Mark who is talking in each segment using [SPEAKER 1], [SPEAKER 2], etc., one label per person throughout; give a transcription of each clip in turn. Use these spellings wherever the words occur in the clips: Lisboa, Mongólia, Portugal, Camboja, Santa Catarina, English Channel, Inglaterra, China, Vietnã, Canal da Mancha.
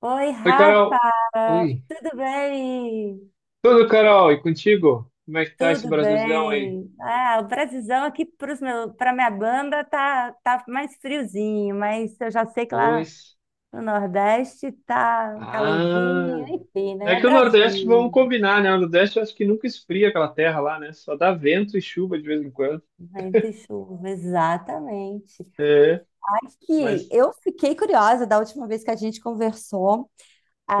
[SPEAKER 1] Oi,
[SPEAKER 2] Oi,
[SPEAKER 1] Rafa!
[SPEAKER 2] Carol. Oi.
[SPEAKER 1] Tudo bem?
[SPEAKER 2] Tudo, Carol? E contigo? Como é que tá esse
[SPEAKER 1] Tudo
[SPEAKER 2] Brasilzão aí?
[SPEAKER 1] bem. Ah, o Brasilzão aqui para minha banda tá mais friozinho, mas eu já sei que lá
[SPEAKER 2] Pois.
[SPEAKER 1] no Nordeste tá um calorzinho,
[SPEAKER 2] Ah.
[SPEAKER 1] enfim, né?
[SPEAKER 2] É
[SPEAKER 1] É
[SPEAKER 2] que o Nordeste, vamos
[SPEAKER 1] Brasil,
[SPEAKER 2] combinar, né? O Nordeste eu acho que nunca esfria aquela terra lá, né? Só dá vento e chuva de vez em quando.
[SPEAKER 1] vento e chuva, exatamente.
[SPEAKER 2] É,
[SPEAKER 1] Aqui,
[SPEAKER 2] mas,
[SPEAKER 1] eu fiquei curiosa da última vez que a gente conversou.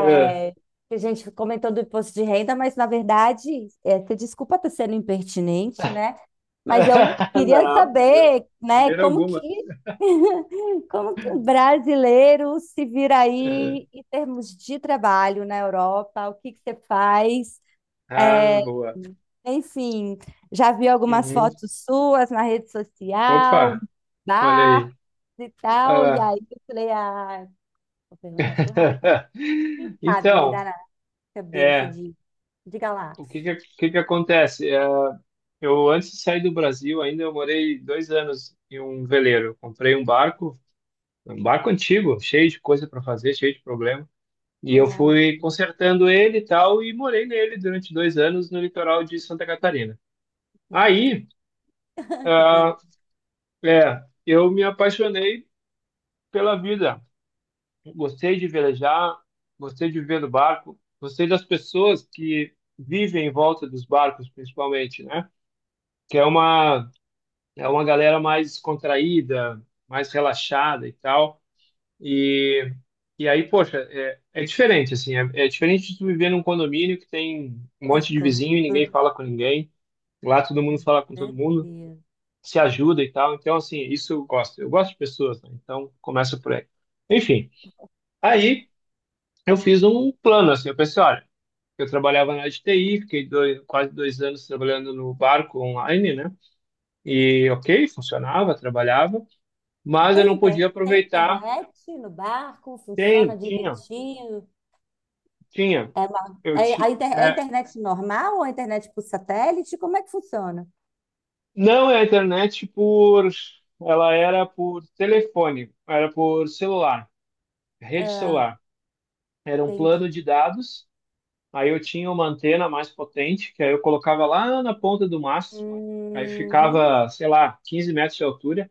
[SPEAKER 2] é.
[SPEAKER 1] a gente comentou do imposto de renda, mas na verdade, você desculpa estar sendo impertinente, né? Mas eu queria
[SPEAKER 2] Não, de
[SPEAKER 1] saber, né,
[SPEAKER 2] maneira
[SPEAKER 1] como que,
[SPEAKER 2] alguma.
[SPEAKER 1] como que um brasileiro se vira
[SPEAKER 2] É.
[SPEAKER 1] aí em termos de trabalho na Europa, o que que você faz?
[SPEAKER 2] Ah,
[SPEAKER 1] É,
[SPEAKER 2] boa.
[SPEAKER 1] enfim, já vi algumas
[SPEAKER 2] Uhum.
[SPEAKER 1] fotos suas na rede social,
[SPEAKER 2] Opa, olha
[SPEAKER 1] bar
[SPEAKER 2] aí.
[SPEAKER 1] e tal, e
[SPEAKER 2] Ah.
[SPEAKER 1] aí eu falei, ah, vou perguntar para o Rafa, quem sabe me
[SPEAKER 2] Então,
[SPEAKER 1] dá cabeça
[SPEAKER 2] é,
[SPEAKER 1] de, diga lá.
[SPEAKER 2] o que que acontece? É, eu, antes de sair do Brasil, ainda eu morei 2 anos em um veleiro. Comprei um barco antigo, cheio de coisa para fazer, cheio de problema. E eu
[SPEAKER 1] Ai,
[SPEAKER 2] fui consertando ele e tal, e morei nele durante 2 anos no litoral de Santa Catarina. Aí,
[SPEAKER 1] que
[SPEAKER 2] ah,
[SPEAKER 1] delícia.
[SPEAKER 2] eu me apaixonei pela vida. Gostei de velejar, gostei de viver no barco, gostei das pessoas que vivem em volta dos barcos, principalmente, né? Que é uma É uma galera mais contraída, mais relaxada e tal. E, e aí, poxa, é diferente, assim. É diferente de tu viver num condomínio que tem um
[SPEAKER 1] Mas
[SPEAKER 2] monte de
[SPEAKER 1] gostoso,
[SPEAKER 2] vizinho e ninguém fala com ninguém. Lá todo mundo fala com todo mundo,
[SPEAKER 1] certeza.
[SPEAKER 2] se ajuda e tal. Então, assim, isso eu gosto. Eu gosto de pessoas, né? Então, começa por aí. Enfim, aí eu fiz um plano, assim. Eu pensei, olha, eu trabalhava na área de TI, fiquei quase 2 anos trabalhando no barco online, né? E ok, funcionava, trabalhava, mas eu
[SPEAKER 1] Tem,
[SPEAKER 2] não
[SPEAKER 1] inter-
[SPEAKER 2] podia
[SPEAKER 1] tem
[SPEAKER 2] aproveitar.
[SPEAKER 1] internet no barco? Funciona
[SPEAKER 2] Tem, tinha,
[SPEAKER 1] direitinho?
[SPEAKER 2] tinha.
[SPEAKER 1] É, uma,
[SPEAKER 2] Eu
[SPEAKER 1] é,
[SPEAKER 2] ti,
[SPEAKER 1] a inter- é
[SPEAKER 2] é,
[SPEAKER 1] internet normal ou a internet por satélite? Como é que funciona?
[SPEAKER 2] não é a internet por, ela era por telefone, era por celular, rede
[SPEAKER 1] Ah,
[SPEAKER 2] celular. Era um
[SPEAKER 1] entendi.
[SPEAKER 2] plano de dados. Aí eu tinha uma antena mais potente, que aí eu colocava lá na ponta do mastro. Aí
[SPEAKER 1] Uhum.
[SPEAKER 2] ficava, sei lá, 15 metros de altura.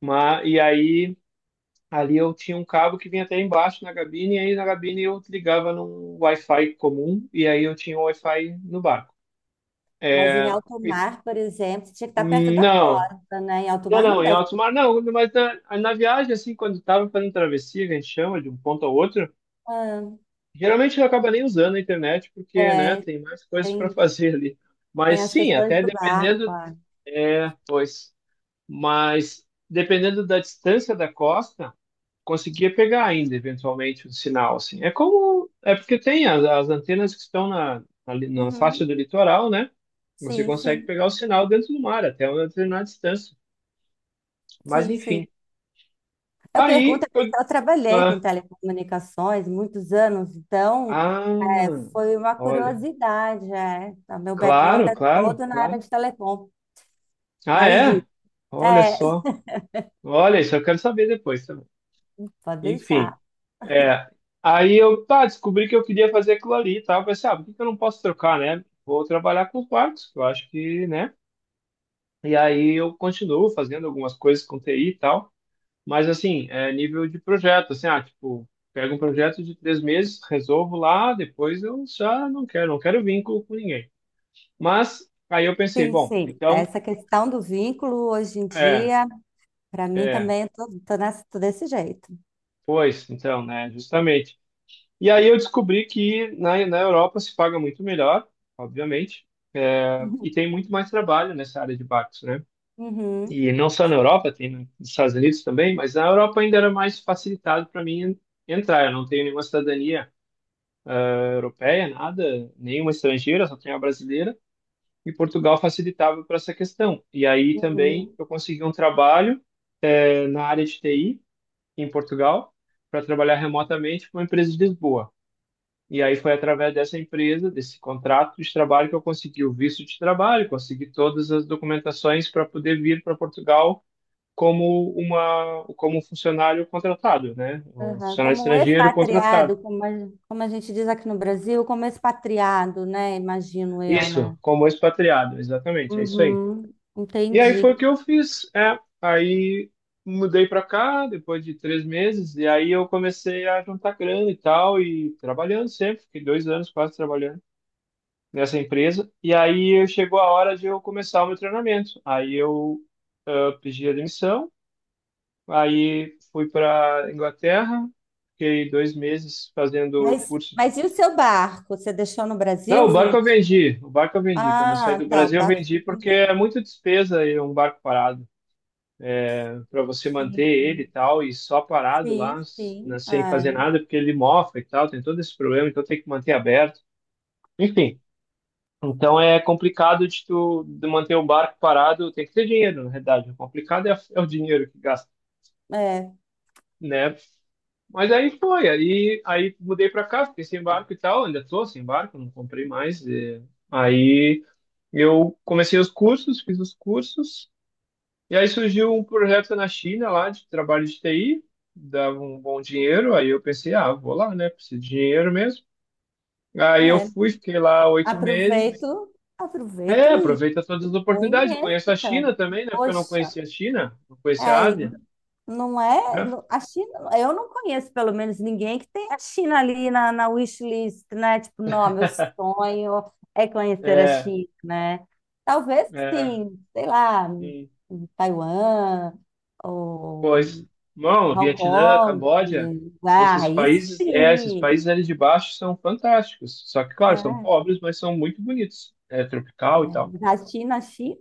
[SPEAKER 2] Mas, e aí ali eu tinha um cabo que vinha até embaixo na cabine, e aí na cabine eu ligava num Wi-Fi comum, e aí eu tinha um Wi-Fi no bar.
[SPEAKER 1] Mas em alto
[SPEAKER 2] E-
[SPEAKER 1] mar, por exemplo, tinha que estar perto da
[SPEAKER 2] Não,
[SPEAKER 1] costa, né? Em alto
[SPEAKER 2] não,
[SPEAKER 1] mar não
[SPEAKER 2] não, em
[SPEAKER 1] deve.
[SPEAKER 2] alto mar não, mas na, na viagem, assim, quando estava fazendo travessia, que a gente chama de um ponto ao outro, geralmente não acaba nem usando a internet,
[SPEAKER 1] Ah,
[SPEAKER 2] porque, né,
[SPEAKER 1] é,
[SPEAKER 2] tem mais coisas para
[SPEAKER 1] tem,
[SPEAKER 2] fazer ali. Mas
[SPEAKER 1] tem as
[SPEAKER 2] sim,
[SPEAKER 1] questões
[SPEAKER 2] até
[SPEAKER 1] do barco.
[SPEAKER 2] dependendo,
[SPEAKER 1] Ah.
[SPEAKER 2] é, pois, mas dependendo da distância da costa, conseguia pegar ainda, eventualmente, o sinal, assim. É como, é porque tem as, as antenas que estão na, na, na faixa
[SPEAKER 1] Uhum.
[SPEAKER 2] do litoral, né, você
[SPEAKER 1] Sim,
[SPEAKER 2] consegue
[SPEAKER 1] sim,
[SPEAKER 2] pegar o sinal dentro do mar, até uma determinada distância. Mas
[SPEAKER 1] sim, sim.
[SPEAKER 2] enfim.
[SPEAKER 1] Eu pergunto,
[SPEAKER 2] Aí
[SPEAKER 1] porque
[SPEAKER 2] eu.
[SPEAKER 1] eu trabalhei com
[SPEAKER 2] Ah,
[SPEAKER 1] telecomunicações muitos anos, então
[SPEAKER 2] ah,
[SPEAKER 1] foi uma
[SPEAKER 2] olha.
[SPEAKER 1] curiosidade. É. O meu background
[SPEAKER 2] Claro,
[SPEAKER 1] é
[SPEAKER 2] claro,
[SPEAKER 1] todo na área
[SPEAKER 2] claro.
[SPEAKER 1] de telecom,
[SPEAKER 2] Ah,
[SPEAKER 1] mas
[SPEAKER 2] é? Olha
[SPEAKER 1] é,
[SPEAKER 2] só. Olha, isso eu quero saber depois também.
[SPEAKER 1] pode
[SPEAKER 2] Enfim,
[SPEAKER 1] deixar.
[SPEAKER 2] é. Aí eu, tá, descobri que eu queria fazer aquilo ali e tal. Eu pensei, ah, por que que eu não posso trocar, né? Vou trabalhar com quartos, eu acho que, né? E aí eu continuo fazendo algumas coisas com TI e tal. Mas assim, é nível de projeto, assim, ah, tipo, pego um projeto de 3 meses, resolvo lá, depois eu já não quero, não quero vínculo com ninguém. Mas aí eu pensei,
[SPEAKER 1] Sim,
[SPEAKER 2] bom,
[SPEAKER 1] sim.
[SPEAKER 2] então,
[SPEAKER 1] Essa questão do vínculo hoje em
[SPEAKER 2] é,
[SPEAKER 1] dia, para mim
[SPEAKER 2] é,
[SPEAKER 1] também, eu tô desse jeito.
[SPEAKER 2] pois, então, né, justamente. E aí eu descobri que na, na Europa se paga muito melhor, obviamente, é, e
[SPEAKER 1] Uhum.
[SPEAKER 2] tem muito mais trabalho nessa área de barcos, né?
[SPEAKER 1] Uhum.
[SPEAKER 2] E não só na Europa, tem nos Estados Unidos também, mas na Europa ainda era mais facilitado para mim entrar. Eu não tenho nenhuma cidadania europeia, nada, nenhuma estrangeira, só tem a brasileira, e Portugal facilitava para essa questão. E aí também
[SPEAKER 1] Uhum.
[SPEAKER 2] eu consegui um trabalho na área de TI em Portugal para trabalhar remotamente com uma empresa de Lisboa. E aí foi através dessa empresa, desse contrato de trabalho que eu consegui o visto de trabalho, consegui todas as documentações para poder vir para Portugal como um funcionário contratado, né? Um
[SPEAKER 1] Aham,
[SPEAKER 2] funcionário
[SPEAKER 1] como um
[SPEAKER 2] estrangeiro contratado.
[SPEAKER 1] expatriado, como a gente diz aqui no Brasil, como expatriado, né? Imagino eu,
[SPEAKER 2] Isso,
[SPEAKER 1] né?
[SPEAKER 2] como expatriado, exatamente, é isso aí.
[SPEAKER 1] Uhum,
[SPEAKER 2] E aí foi o
[SPEAKER 1] entendi.
[SPEAKER 2] que eu fiz. É, aí mudei para cá depois de 3 meses e aí eu comecei a juntar grana e tal e trabalhando sempre. Fiquei 2 anos quase trabalhando nessa empresa. E aí chegou a hora de eu começar o meu treinamento. Aí eu, ah, pedi a demissão. Aí fui para Inglaterra. Fiquei 2 meses fazendo
[SPEAKER 1] Mas,
[SPEAKER 2] curso de
[SPEAKER 1] mas e o seu barco? Você deixou no
[SPEAKER 2] não,
[SPEAKER 1] Brasil?
[SPEAKER 2] o barco eu vendi. O barco eu vendi. Quando eu saí
[SPEAKER 1] Ah,
[SPEAKER 2] do
[SPEAKER 1] tá, o
[SPEAKER 2] Brasil, eu
[SPEAKER 1] barco
[SPEAKER 2] vendi
[SPEAKER 1] você
[SPEAKER 2] porque
[SPEAKER 1] vendeu.
[SPEAKER 2] é muita despesa e um barco parado, para você
[SPEAKER 1] Sim,
[SPEAKER 2] manter ele e
[SPEAKER 1] sim,
[SPEAKER 2] tal, e só parado lá,
[SPEAKER 1] sim.
[SPEAKER 2] né,
[SPEAKER 1] Sim.
[SPEAKER 2] sem
[SPEAKER 1] Ah,
[SPEAKER 2] fazer nada, porque ele mofa e tal, tem todo esse problema, então tem que manter aberto. Enfim, então é complicado de tu de manter o barco parado, tem que ter dinheiro, na verdade. O complicado é o dinheiro que gasta,
[SPEAKER 1] é,
[SPEAKER 2] né? Mas aí foi, aí, aí mudei para cá, fiquei sem barco e tal, ainda tô sem barco, não comprei mais. Aí eu comecei os cursos, fiz os cursos. E aí surgiu um projeto na China lá de trabalho de TI, dava um bom dinheiro, aí eu pensei, ah, vou lá, né? Preciso de dinheiro mesmo. Aí eu
[SPEAKER 1] é.
[SPEAKER 2] fui, fiquei lá 8 meses.
[SPEAKER 1] Aproveito,
[SPEAKER 2] É,
[SPEAKER 1] aproveito e
[SPEAKER 2] aproveita todas as oportunidades.
[SPEAKER 1] conheço,
[SPEAKER 2] Conheço a
[SPEAKER 1] cara.
[SPEAKER 2] China também, né? Porque eu não
[SPEAKER 1] Poxa,
[SPEAKER 2] conhecia a China, não conhecia a
[SPEAKER 1] é,
[SPEAKER 2] Ásia,
[SPEAKER 1] não é?
[SPEAKER 2] né?
[SPEAKER 1] A China, eu não conheço pelo menos ninguém que tem a China ali na wishlist, né? Tipo, não, meu sonho é conhecer a
[SPEAKER 2] É,
[SPEAKER 1] China, né? Talvez
[SPEAKER 2] é.
[SPEAKER 1] sim, sei lá,
[SPEAKER 2] E,
[SPEAKER 1] Taiwan ou
[SPEAKER 2] pois, bom,
[SPEAKER 1] Hong
[SPEAKER 2] Vietnã,
[SPEAKER 1] Kong,
[SPEAKER 2] Camboja,
[SPEAKER 1] ah,
[SPEAKER 2] esses
[SPEAKER 1] aí
[SPEAKER 2] países, é, esses
[SPEAKER 1] sim,
[SPEAKER 2] países ali de baixo são fantásticos. Só que, claro, são
[SPEAKER 1] né?
[SPEAKER 2] pobres, mas são muito bonitos. É tropical e tal.
[SPEAKER 1] Mas a China, a China,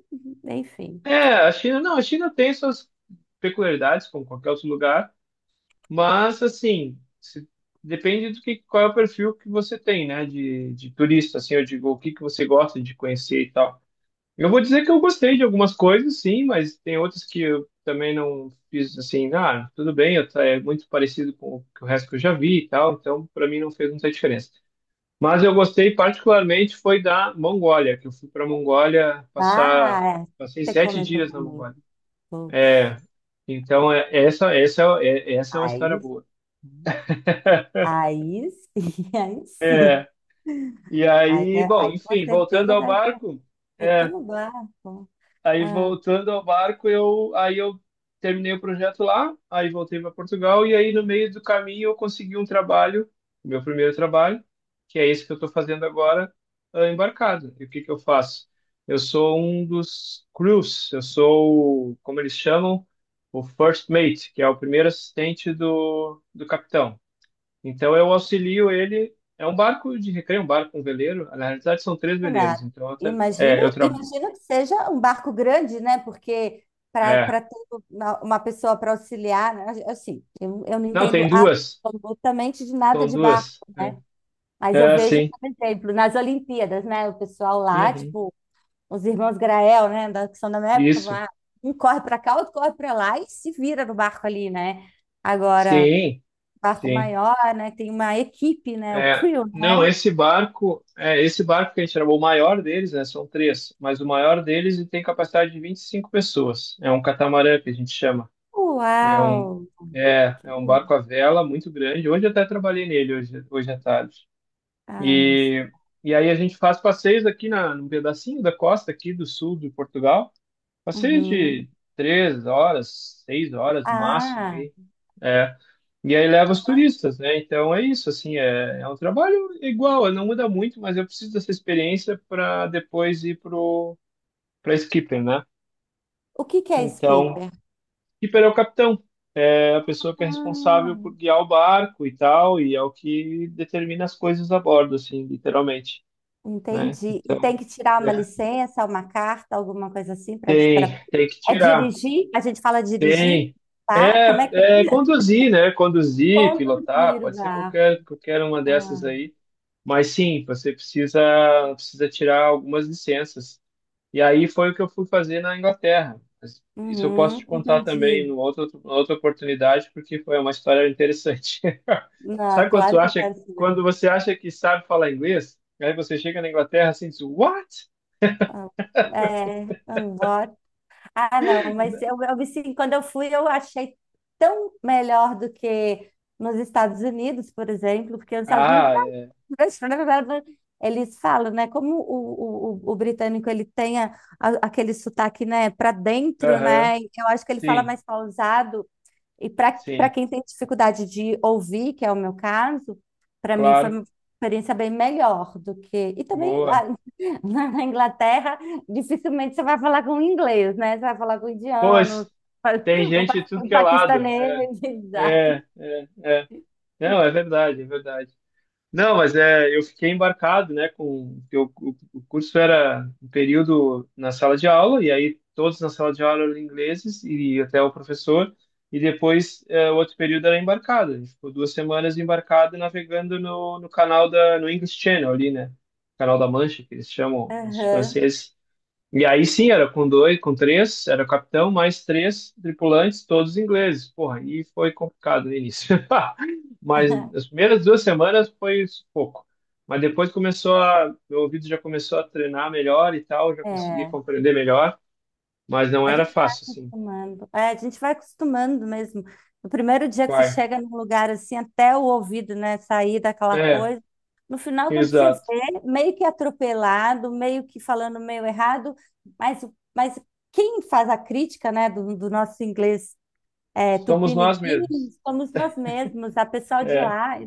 [SPEAKER 1] enfim.
[SPEAKER 2] É, a China, não, a China tem suas peculiaridades, como qualquer outro lugar, mas assim, depende do que, qual é o perfil que você tem, né, de turista, assim, eu digo, o que que você gosta de conhecer e tal. Eu vou dizer que eu gostei de algumas coisas, sim, mas tem outras que eu também não fiz assim, ah, tudo bem, eu, é muito parecido com o que o resto que eu já vi e tal, então para mim não fez muita diferença. Mas eu gostei particularmente foi da Mongólia, que eu fui para a Mongólia passar,
[SPEAKER 1] Ah, é,
[SPEAKER 2] passei
[SPEAKER 1] você
[SPEAKER 2] sete
[SPEAKER 1] comentou
[SPEAKER 2] dias na
[SPEAKER 1] comigo.
[SPEAKER 2] Mongólia.
[SPEAKER 1] Poxa,
[SPEAKER 2] É, então, é, essa, essa é uma história
[SPEAKER 1] aí,
[SPEAKER 2] boa.
[SPEAKER 1] aí sim, aí sim.
[SPEAKER 2] É, e
[SPEAKER 1] Aí,
[SPEAKER 2] aí, bom,
[SPEAKER 1] aí com
[SPEAKER 2] enfim, voltando
[SPEAKER 1] certeza
[SPEAKER 2] ao
[SPEAKER 1] deve estar
[SPEAKER 2] barco, é,
[SPEAKER 1] botando barco.
[SPEAKER 2] aí
[SPEAKER 1] Ah,
[SPEAKER 2] voltando ao barco, eu, aí eu terminei o projeto lá, aí voltei para Portugal, e aí no meio do caminho eu consegui um trabalho, meu primeiro trabalho, que é esse que eu estou fazendo agora, embarcado. E o que que eu faço? Eu sou um dos crews, eu sou, como eles chamam, o first mate, que é o primeiro assistente do, do capitão. Então eu auxilio ele. É um barco de recreio, um barco, um veleiro. Na realidade são três veleiros.
[SPEAKER 1] Renato,
[SPEAKER 2] Então eu,
[SPEAKER 1] imagino, imagino que seja um barco grande, né? Porque para
[SPEAKER 2] é.
[SPEAKER 1] ter uma pessoa para auxiliar, né? Assim, eu não
[SPEAKER 2] Não,
[SPEAKER 1] entendo
[SPEAKER 2] tem duas.
[SPEAKER 1] absolutamente de nada
[SPEAKER 2] São
[SPEAKER 1] de barco,
[SPEAKER 2] duas.
[SPEAKER 1] né? Mas eu
[SPEAKER 2] É
[SPEAKER 1] vejo,
[SPEAKER 2] sim.
[SPEAKER 1] por exemplo, nas Olimpíadas, né? O pessoal lá,
[SPEAKER 2] Uhum.
[SPEAKER 1] tipo, os irmãos Grael, né? Que são da minha época,
[SPEAKER 2] Isso.
[SPEAKER 1] lá, um corre para cá, outro corre para lá e se vira no barco ali, né? Agora,
[SPEAKER 2] Sim,
[SPEAKER 1] barco
[SPEAKER 2] sim.
[SPEAKER 1] maior, né? Tem uma equipe, né? O
[SPEAKER 2] É.
[SPEAKER 1] crew, né?
[SPEAKER 2] Não, esse barco, esse barco que a gente chamou o maior deles, né? São três, mas o maior deles ele tem capacidade de 25 pessoas. É um catamarã que a gente chama. É um,
[SPEAKER 1] Uau!
[SPEAKER 2] é,
[SPEAKER 1] Que-
[SPEAKER 2] é um barco à vela muito grande. Hoje eu até trabalhei nele hoje à tarde.
[SPEAKER 1] Ah,
[SPEAKER 2] E, e aí a gente faz passeios aqui num pedacinho da costa aqui do sul de Portugal, passeios
[SPEAKER 1] uhum.
[SPEAKER 2] de 3 horas, 6 horas no máximo
[SPEAKER 1] Ah,
[SPEAKER 2] aí, é. E aí leva os
[SPEAKER 1] então,
[SPEAKER 2] turistas, né? Então é isso, assim, é um trabalho igual, não muda muito, mas eu preciso dessa experiência para depois ir pro para skipper, né?
[SPEAKER 1] o que que é
[SPEAKER 2] Então,
[SPEAKER 1] skipper?
[SPEAKER 2] skipper é o capitão, é a pessoa que é responsável por
[SPEAKER 1] Ah,
[SPEAKER 2] guiar o barco e tal, e é o que determina as coisas a bordo, assim, literalmente. Né?
[SPEAKER 1] entendi. E
[SPEAKER 2] Então,
[SPEAKER 1] tem que tirar uma
[SPEAKER 2] é,
[SPEAKER 1] licença, uma carta, alguma coisa assim para para
[SPEAKER 2] tem que
[SPEAKER 1] é
[SPEAKER 2] tirar.
[SPEAKER 1] dirigir? A gente fala dirigir,
[SPEAKER 2] Tem.
[SPEAKER 1] tá? Como é que
[SPEAKER 2] É conduzir, né? Conduzir, pilotar,
[SPEAKER 1] conduzir o
[SPEAKER 2] pode ser
[SPEAKER 1] barco?
[SPEAKER 2] qualquer uma dessas
[SPEAKER 1] Ah,
[SPEAKER 2] aí. Mas sim, você precisa tirar algumas licenças. E aí foi o que eu fui fazer na Inglaterra. Mas isso eu posso
[SPEAKER 1] uhum,
[SPEAKER 2] te contar também em
[SPEAKER 1] entendi.
[SPEAKER 2] outra oportunidade, porque foi uma história interessante.
[SPEAKER 1] Ah,
[SPEAKER 2] Sabe
[SPEAKER 1] claro que eu quero saber.
[SPEAKER 2] quando você acha que sabe falar inglês, aí você chega na Inglaterra assim, e diz, what?
[SPEAKER 1] É, vambora. Ah, não, mas eu me senti, quando eu fui, eu achei tão melhor do que nos Estados Unidos, por exemplo, porque nos Estados Unidos
[SPEAKER 2] Ah, é.
[SPEAKER 1] eles falam, né? Como o britânico ele tem aquele sotaque, né, para dentro,
[SPEAKER 2] Aham.
[SPEAKER 1] né? Eu acho que ele fala
[SPEAKER 2] Sim,
[SPEAKER 1] mais pausado e para
[SPEAKER 2] sim,
[SPEAKER 1] quem tem dificuldade de ouvir, que é o meu caso, para mim foi
[SPEAKER 2] claro.
[SPEAKER 1] uma experiência bem melhor do que. E também lá
[SPEAKER 2] Boa.
[SPEAKER 1] na Inglaterra, dificilmente você vai falar com inglês, né? Você vai falar com
[SPEAKER 2] Pois,
[SPEAKER 1] indiano,
[SPEAKER 2] tem gente de tudo
[SPEAKER 1] um
[SPEAKER 2] que é lado.
[SPEAKER 1] paquistanês. Exato.
[SPEAKER 2] É, é, não, é verdade, é verdade. Não, mas é, eu fiquei embarcado, né, o curso era um período na sala de aula e aí todos na sala de aula eram ingleses e até o professor e depois é, o outro período era embarcado. A gente ficou 2 semanas embarcado navegando no, no canal da no English Channel ali, né, canal da Mancha que eles chamam os
[SPEAKER 1] Aham.
[SPEAKER 2] franceses. E aí sim, era com dois, com três, era o capitão, mais três tripulantes, todos ingleses. Porra, e foi complicado no início. Mas as primeiras 2 semanas foi pouco. Mas depois começou a, meu ouvido já começou a treinar melhor e tal, já consegui
[SPEAKER 1] É.
[SPEAKER 2] compreender melhor, mas não
[SPEAKER 1] A
[SPEAKER 2] era
[SPEAKER 1] gente vai
[SPEAKER 2] fácil, assim.
[SPEAKER 1] acostumando. É, a gente vai acostumando mesmo. No primeiro dia que você
[SPEAKER 2] Vai.
[SPEAKER 1] chega num lugar assim, até o ouvido, né, sair daquela
[SPEAKER 2] É,
[SPEAKER 1] coisa. No final, quando você
[SPEAKER 2] exato.
[SPEAKER 1] vê, meio que atropelado, meio que falando meio errado, mas, mas quem faz a crítica, né, do nosso inglês
[SPEAKER 2] Somos nós
[SPEAKER 1] tupiniquim,
[SPEAKER 2] mesmos.
[SPEAKER 1] somos nós mesmos, a pessoa de
[SPEAKER 2] É,
[SPEAKER 1] lá.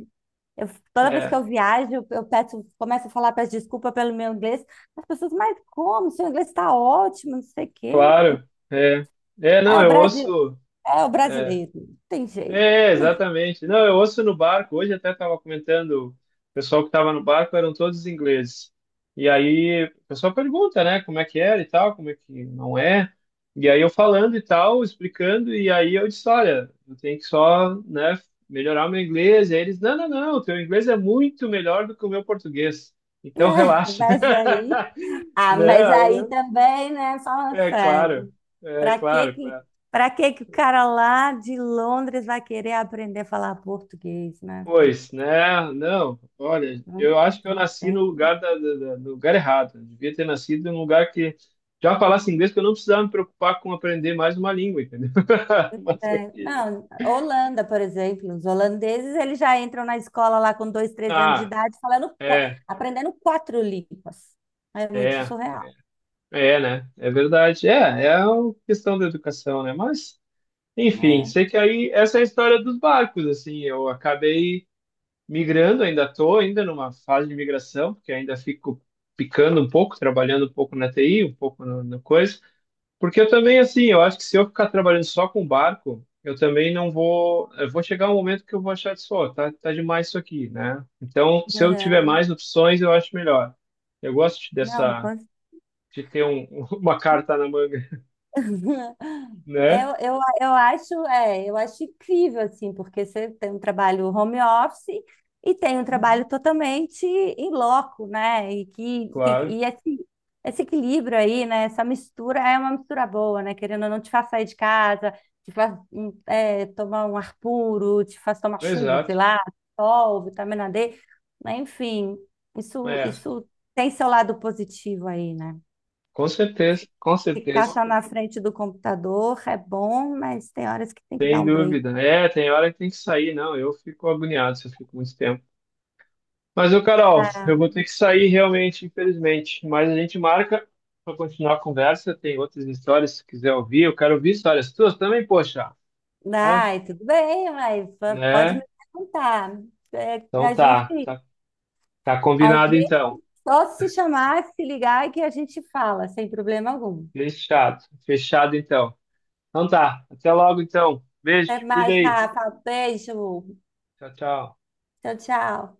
[SPEAKER 1] Eu, Toda vez
[SPEAKER 2] é,
[SPEAKER 1] que eu viajo, eu peço, começo a falar, peço desculpa pelo meu inglês. As pessoas, mas como? Seu inglês está ótimo, não sei o quê.
[SPEAKER 2] claro. É, não,
[SPEAKER 1] É, o
[SPEAKER 2] eu
[SPEAKER 1] Brasil.
[SPEAKER 2] ouço.
[SPEAKER 1] É o
[SPEAKER 2] é,
[SPEAKER 1] brasileiro, não tem jeito.
[SPEAKER 2] É, exatamente. Não, eu ouço no barco. Hoje até estava comentando, o pessoal que estava no barco eram todos ingleses. E aí o pessoal pergunta, né, como é que era e tal, como é que não é. E aí eu falando e tal, explicando, e aí eu disse, olha, eu tenho que só, né, melhorar o meu inglês. E aí eles, não, não, não, o teu inglês é muito melhor do que o meu português. Então relaxa.
[SPEAKER 1] Mas aí, ah,
[SPEAKER 2] Né?
[SPEAKER 1] mas aí também, né? Falando
[SPEAKER 2] É claro,
[SPEAKER 1] sério, para que que,
[SPEAKER 2] claro.
[SPEAKER 1] para que que o cara lá de Londres vai querer aprender a falar português, né?
[SPEAKER 2] Pois, né? Não, olha,
[SPEAKER 1] Não,
[SPEAKER 2] eu acho que eu
[SPEAKER 1] não
[SPEAKER 2] nasci no
[SPEAKER 1] tem.
[SPEAKER 2] lugar no lugar errado. Eu devia ter nascido em um lugar que já falasse inglês, que eu não precisava me preocupar com aprender mais uma língua, entendeu? Mas
[SPEAKER 1] É,
[SPEAKER 2] ok.
[SPEAKER 1] não, Holanda, por exemplo, os holandeses, eles já entram na escola lá com 2, 3 anos de
[SPEAKER 2] Ah,
[SPEAKER 1] idade, falando,
[SPEAKER 2] é,
[SPEAKER 1] aprendendo quatro línguas. É muito
[SPEAKER 2] é,
[SPEAKER 1] surreal,
[SPEAKER 2] é, é, né? É verdade. É, é uma questão da educação, né? Mas, enfim,
[SPEAKER 1] né?
[SPEAKER 2] sei que aí essa é a história dos barcos, assim. Eu acabei migrando, ainda tô ainda numa fase de migração, porque ainda fico picando um pouco, trabalhando um pouco na TI, um pouco no, no coisa. Porque eu também, assim, eu acho que se eu ficar trabalhando só com barco, eu também não vou. Eu vou chegar um momento que eu vou achar de, ó, tá, tá demais isso aqui, né? Então, se eu tiver
[SPEAKER 1] Aham.
[SPEAKER 2] mais opções, eu acho melhor. Eu gosto
[SPEAKER 1] Não,
[SPEAKER 2] dessa, de ter uma carta na manga, né?
[SPEAKER 1] Eu acho incrível, assim, porque você tem um trabalho home office e tem um
[SPEAKER 2] Uhum.
[SPEAKER 1] trabalho totalmente em loco, né? E, que, que-
[SPEAKER 2] Claro,
[SPEAKER 1] e esse, esse equilíbrio aí, né? Essa mistura é uma mistura boa, né? Querendo ou não, te faz sair de casa, te faz tomar um ar puro, te faz tomar chuva, sei
[SPEAKER 2] exato.
[SPEAKER 1] lá, sol, vitamina D, né? Enfim, isso,
[SPEAKER 2] É,
[SPEAKER 1] isso tem seu lado positivo aí, né?
[SPEAKER 2] com certeza, com
[SPEAKER 1] Ficar
[SPEAKER 2] certeza.
[SPEAKER 1] só na frente do computador é bom, mas tem horas que tem que dar
[SPEAKER 2] Sem
[SPEAKER 1] um break.
[SPEAKER 2] dúvida. É, tem hora que tem que sair, não. Eu fico agoniado se eu fico muito tempo. Mas, ô Carol, eu
[SPEAKER 1] Ah,
[SPEAKER 2] vou ter que sair realmente, infelizmente. Mas a gente marca para continuar a conversa. Tem outras histórias, se quiser ouvir. Eu quero ouvir histórias tuas também, poxa. É,
[SPEAKER 1] ai, tudo bem, mas pode me
[SPEAKER 2] né?
[SPEAKER 1] perguntar. É,
[SPEAKER 2] Então
[SPEAKER 1] a gente,
[SPEAKER 2] tá, tá, tá
[SPEAKER 1] a
[SPEAKER 2] combinado
[SPEAKER 1] gente
[SPEAKER 2] então.
[SPEAKER 1] só se chamar, se ligar que a gente fala, sem problema algum.
[SPEAKER 2] Fechado, fechado então. Então tá, até logo então. Beijo,
[SPEAKER 1] Até
[SPEAKER 2] te cuida
[SPEAKER 1] mais,
[SPEAKER 2] aí.
[SPEAKER 1] Rafa. Beijo.
[SPEAKER 2] Tchau, tchau.
[SPEAKER 1] Tchau, tchau.